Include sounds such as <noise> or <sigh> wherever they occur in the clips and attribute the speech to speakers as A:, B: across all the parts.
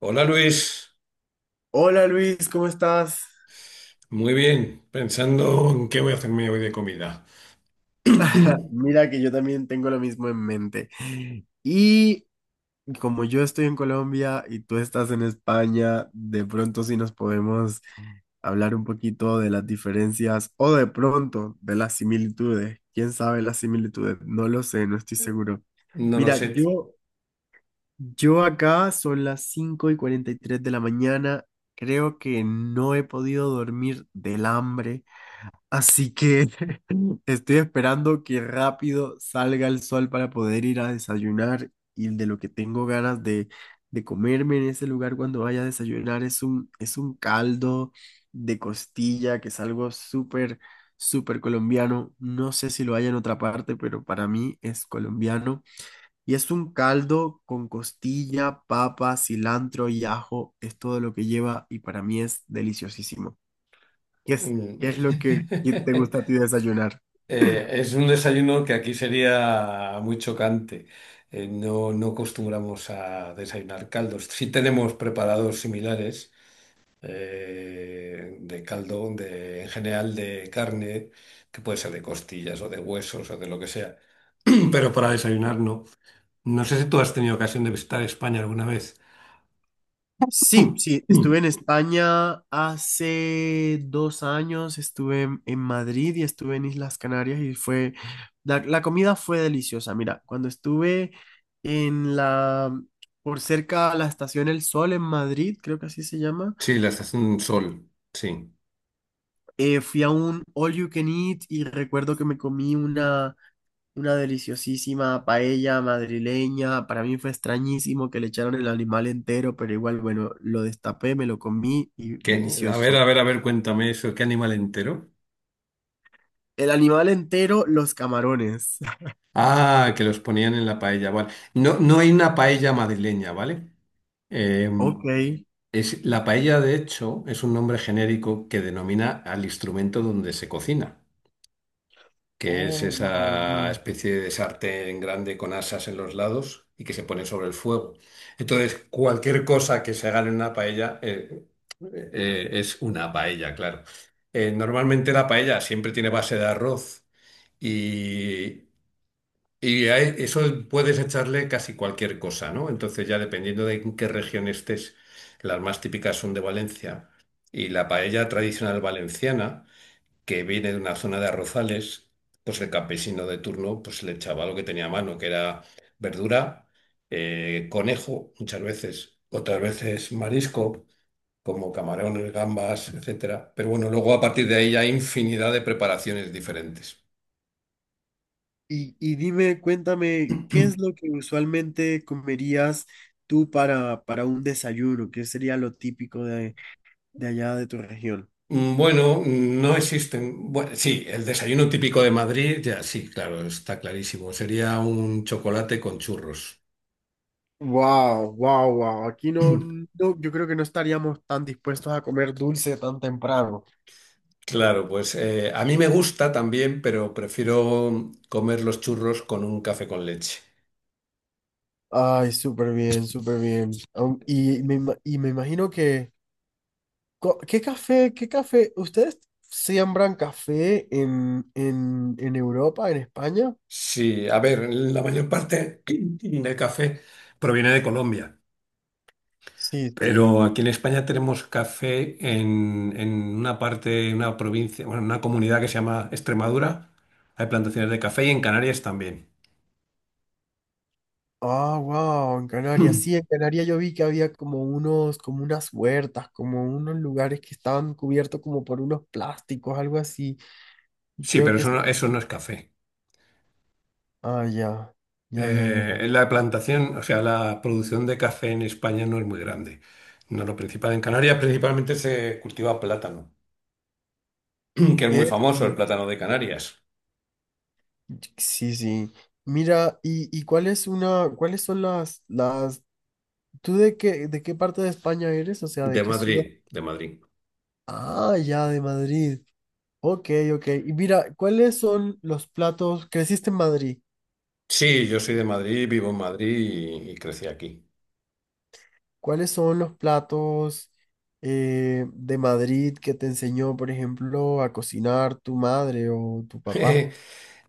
A: Hola Luis,
B: Hola Luis, ¿cómo estás?
A: muy bien, pensando en qué voy a hacerme hoy de comida. <clears throat>
B: <laughs> Mira que yo también tengo lo mismo en mente. Y Como yo estoy en Colombia y tú estás en España, de pronto sí nos podemos hablar un poquito de las diferencias o de pronto de las similitudes. ¿Quién sabe las similitudes? No lo sé, no estoy seguro.
A: No lo
B: Mira,
A: sé.
B: yo, yo acá son las 5:43 de la mañana. Creo que no he podido dormir del hambre. Así que <laughs> estoy esperando que rápido salga el sol para poder ir a desayunar y de lo que tengo ganas de comerme en ese lugar cuando vaya a desayunar es un caldo de costilla que es algo súper colombiano. No sé si lo hay en otra parte, pero para mí es colombiano. Y es un caldo con costilla, papa, cilantro y ajo, es todo lo que lleva y para mí es deliciosísimo. ¿Qué es, qué
A: Mm.
B: es lo que te gusta a
A: <laughs>
B: ti desayunar?
A: Es un desayuno que aquí sería muy chocante. No, no acostumbramos a desayunar caldos. Sí tenemos preparados similares de caldo, en general de carne, que puede ser de costillas o de huesos o de lo que sea. <clears throat> Pero para desayunar no. No sé si tú has tenido ocasión de visitar España alguna vez. <laughs>
B: Sí, sí,
A: Mm, mm.
B: estuve en España hace 2 años, estuve en Madrid y estuve en Islas Canarias y la, la comida fue deliciosa. Mira, cuando estuve en la, por cerca a la estación El Sol en Madrid, creo que así se llama.
A: Sí, la estación Sol, sí.
B: Fui a un All You Can Eat y recuerdo que me comí una deliciosísima paella madrileña. Para mí fue extrañísimo que le echaron el animal entero, pero igual, bueno, lo destapé, me lo comí y
A: A ver,
B: delicioso.
A: a ver, a ver, cuéntame eso, ¿qué animal entero?
B: El animal entero, los camarones. <laughs>
A: Ah, que los ponían en la paella, vale. No, no hay una paella madrileña, ¿vale? Eh,
B: Ok.
A: la paella, de hecho, es un nombre genérico que denomina al instrumento donde se cocina, que es
B: Oh,
A: esa
B: no.
A: especie de sartén grande con asas en los lados y que se pone sobre el fuego. Entonces, cualquier cosa que se haga en una paella es una paella, claro. Normalmente la paella siempre tiene base de arroz y, y a eso puedes echarle casi cualquier cosa, ¿no? Entonces, ya dependiendo de en qué región estés, las más típicas son de Valencia. Y la paella tradicional valenciana, que viene de una zona de arrozales, pues, el campesino de turno le echaba lo que tenía a mano, que era verdura, conejo muchas veces, otras veces marisco, como camarones, gambas, etcétera. Pero bueno, luego a partir de ahí hay infinidad de preparaciones diferentes.
B: Y dime, cuéntame, ¿qué es lo que usualmente comerías tú para un desayuno? ¿Qué sería lo típico de allá de tu región?
A: Bueno, no existen. Bueno, sí, el desayuno típico de Madrid, ya sí, claro, está clarísimo. Sería un chocolate con churros.
B: Wow, wow, wow. Aquí no, no, yo creo que no estaríamos tan dispuestos a comer dulce tan temprano.
A: Claro, pues a mí me gusta también, pero prefiero comer los churros con un café con leche.
B: Ay, súper bien, súper bien. Y me imagino que, ¿qué café, qué café? ¿Ustedes siembran café en Europa, en España?
A: Sí, a ver, la mayor parte <clears throat> del café proviene de Colombia,
B: Sí, sí.
A: pero aquí en España tenemos café en una parte, en una provincia, bueno, en una comunidad que se llama Extremadura. Hay plantaciones de café y en Canarias también.
B: Ah, wow, en Canarias. Sí, en Canarias yo vi que había como unos, como unas huertas, como unos lugares que estaban cubiertos como por unos plásticos, algo así. Y
A: Sí,
B: creo
A: pero
B: que...
A: eso no es café.
B: Ah, ya, ya, ya, ya.
A: La plantación, o sea, la producción de café en España no es muy grande. No, lo principal en Canarias principalmente se cultiva plátano, <clears throat> que es muy famoso el
B: Esto.
A: plátano de Canarias.
B: Sí, sí. Mira, ¿y cuál es una, cuáles son las, tú de qué, ¿de qué parte de España eres? O sea, ¿de
A: De
B: qué
A: Madrid,
B: ciudad?
A: de Madrid.
B: Ah, ya, de Madrid. Ok, ok. Y mira, ¿cuáles son los platos? Creciste en Madrid.
A: Sí, yo soy de Madrid, vivo en Madrid y crecí aquí.
B: ¿Cuáles son los platos de Madrid que te enseñó, por ejemplo, a cocinar tu madre o tu papá?
A: <laughs>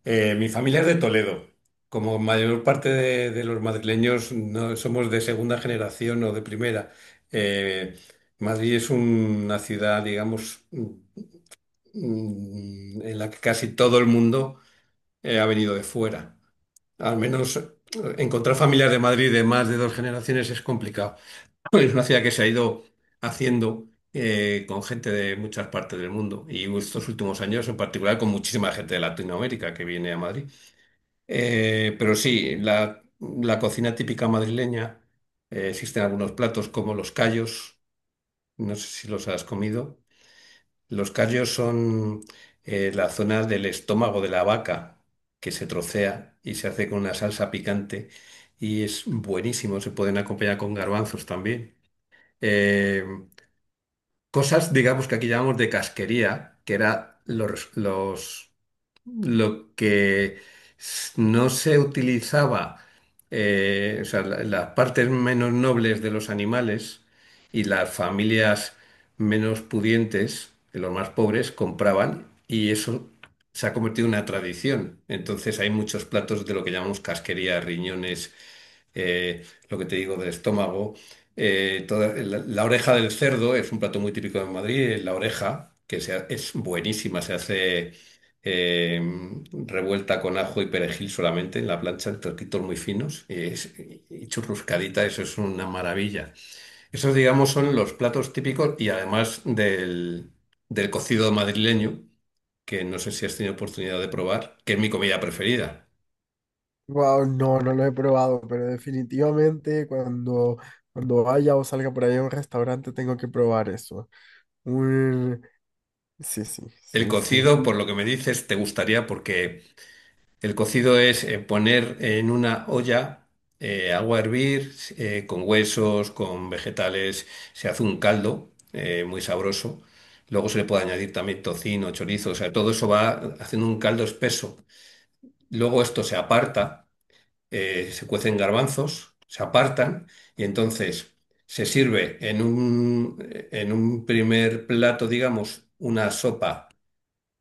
A: Mi familia es de Toledo. Como mayor parte de los madrileños no somos de segunda generación o de primera. Eh, Madrid es una ciudad, digamos, en la que casi todo el mundo ha venido de fuera. Al menos, encontrar familias de Madrid de más de dos generaciones es complicado. <laughs> Es una ciudad que se ha ido haciendo con gente de muchas partes del mundo y estos últimos años en particular con muchísima gente de Latinoamérica que viene a Madrid. Pero sí, la cocina típica madrileña, existen algunos platos como los callos, no sé si los has comido. Los callos son la zona del estómago de la vaca que se trocea y se hace con una salsa picante y es buenísimo. Se pueden acompañar con garbanzos también. Eh, Cosas, digamos, que aquí llamamos de casquería, que era los lo que s- no se utilizaba, o sea, las partes menos nobles de los animales y las familias menos pudientes, de los más pobres, compraban, y eso se ha convertido en una tradición. Entonces hay muchos platos de lo que llamamos casquería, riñones, lo que te digo del estómago. La oreja del cerdo es un plato muy típico de Madrid, la oreja, es buenísima, se hace eh, revuelta con ajo y perejil solamente en la plancha, en trocitos muy finos y churruscadita, eso es una maravilla. Esos, digamos, son los platos típicos, y además del cocido madrileño, que no sé si has tenido oportunidad de probar, que es mi comida preferida.
B: Wow, no, no lo he probado, pero definitivamente cuando vaya o salga por ahí a un restaurante tengo que probar eso. Un- Sí, sí,
A: El
B: sí, sí.
A: cocido, por
B: <laughs>
A: lo que me dices, te gustaría, porque el cocido es poner en una olla agua a hervir con huesos, con vegetales, se hace un caldo muy sabroso. Luego se le puede añadir también tocino, chorizo, o sea, todo eso va haciendo un caldo espeso. Luego esto se aparta, se cuecen garbanzos, se apartan, y entonces se sirve en un primer plato, digamos, una sopa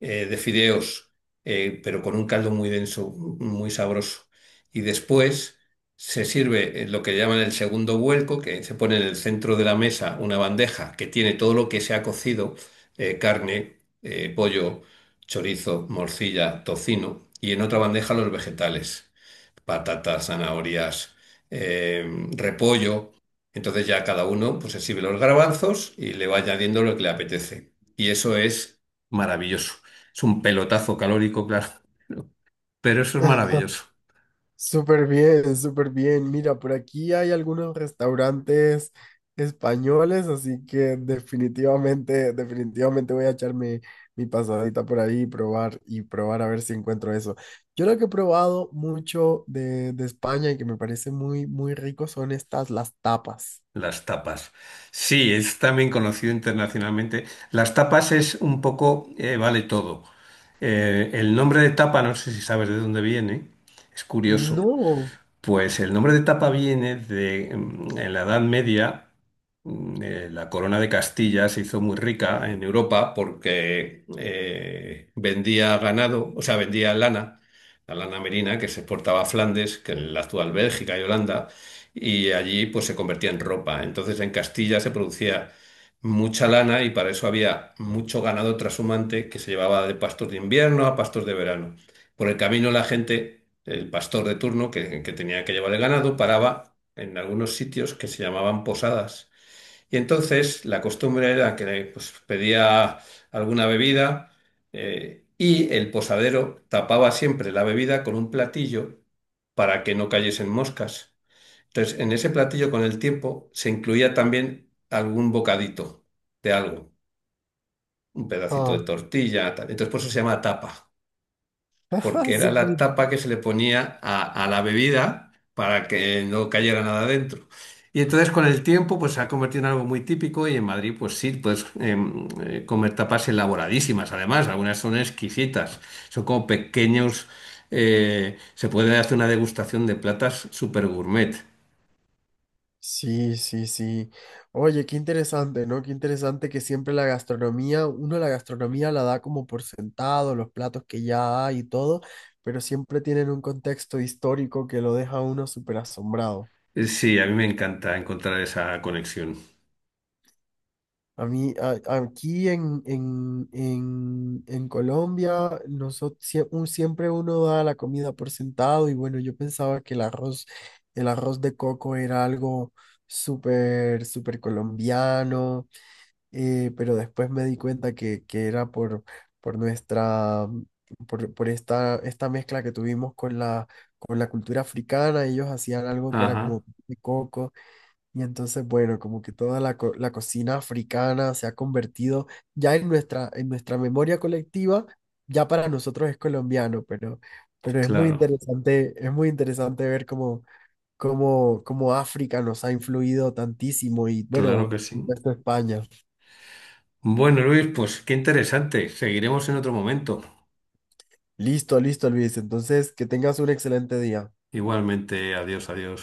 A: de fideos, pero con un caldo muy denso, muy sabroso. Y después se sirve lo que llaman el segundo vuelco, que se pone en el centro de la mesa una bandeja que tiene todo lo que se ha cocido, carne, pollo, chorizo, morcilla, tocino, y en otra bandeja los vegetales, patatas, zanahorias, eh, repollo. Entonces ya cada uno pues se sirve los garbanzos y le va añadiendo lo que le apetece. Y eso es maravilloso. Es un pelotazo calórico, claro, pero eso es
B: Ajá.
A: maravilloso.
B: Súper bien, súper bien. Mira, por aquí hay algunos restaurantes españoles, así que definitivamente, definitivamente voy a echarme mi pasadita por ahí y probar a ver si encuentro eso. Yo lo que he probado mucho de España y que me parece muy, muy rico son estas, las tapas.
A: Las tapas. Sí, es también conocido internacionalmente. Las tapas es un poco, vale todo. El nombre de tapa, no sé si sabes de dónde viene, es curioso.
B: No.
A: Pues el nombre de tapa viene de, en la Edad Media, la corona de Castilla se hizo muy rica en Europa porque vendía ganado, o sea, vendía lana, la lana merina que se exportaba a Flandes, que es la actual Bélgica y Holanda, y allí pues se convertía en ropa. Entonces en Castilla se producía mucha lana y para eso había mucho ganado trashumante que se llevaba de pastos de invierno a pastos de verano. Por el camino la gente, el pastor de turno que tenía que llevar el ganado, paraba en algunos sitios que se llamaban posadas. Y entonces la costumbre era que pedía alguna bebida, y el posadero tapaba siempre la bebida con un platillo para que no cayesen moscas. Entonces, en ese platillo con el tiempo se incluía también algún bocadito de algo, un pedacito
B: Ah,
A: de tortilla, tal. Entonces, por eso se llama tapa porque
B: <laughs>
A: era
B: súper
A: la
B: in-.
A: tapa que se le ponía a la bebida para que no cayera nada dentro. Y entonces con el tiempo pues se ha convertido en algo muy típico, y en Madrid pues sí, puedes comer tapas elaboradísimas, además algunas son exquisitas, son como pequeños, se puede hacer una degustación de platas super gourmet.
B: Sí, sí, sí. Oye, qué interesante, ¿no? Qué interesante que siempre la gastronomía, uno la gastronomía la da como por sentado, los platos que ya hay y todo, pero siempre tienen un contexto histórico que lo deja a uno súper asombrado.
A: Sí, a mí me encanta encontrar esa conexión.
B: A mí, aquí en Colombia, nosotros, siempre uno da la comida por sentado y bueno, yo pensaba que el arroz de coco era algo súper, súper colombiano, pero después me di cuenta que era por nuestra, por esta, esta mezcla que tuvimos con la cultura africana, ellos hacían algo que era
A: Ajá,
B: como de coco. Y entonces, bueno, como que toda la cocina africana se ha convertido ya en nuestra memoria colectiva, ya para nosotros es colombiano, pero
A: claro,
B: es muy interesante ver cómo, cómo África nos ha influido tantísimo y
A: claro
B: bueno,
A: que sí.
B: esto España.
A: Bueno, Luis, pues qué interesante. Seguiremos en otro momento.
B: Listo, listo, Luis. Entonces, que tengas un excelente día.
A: Igualmente, adiós, adiós.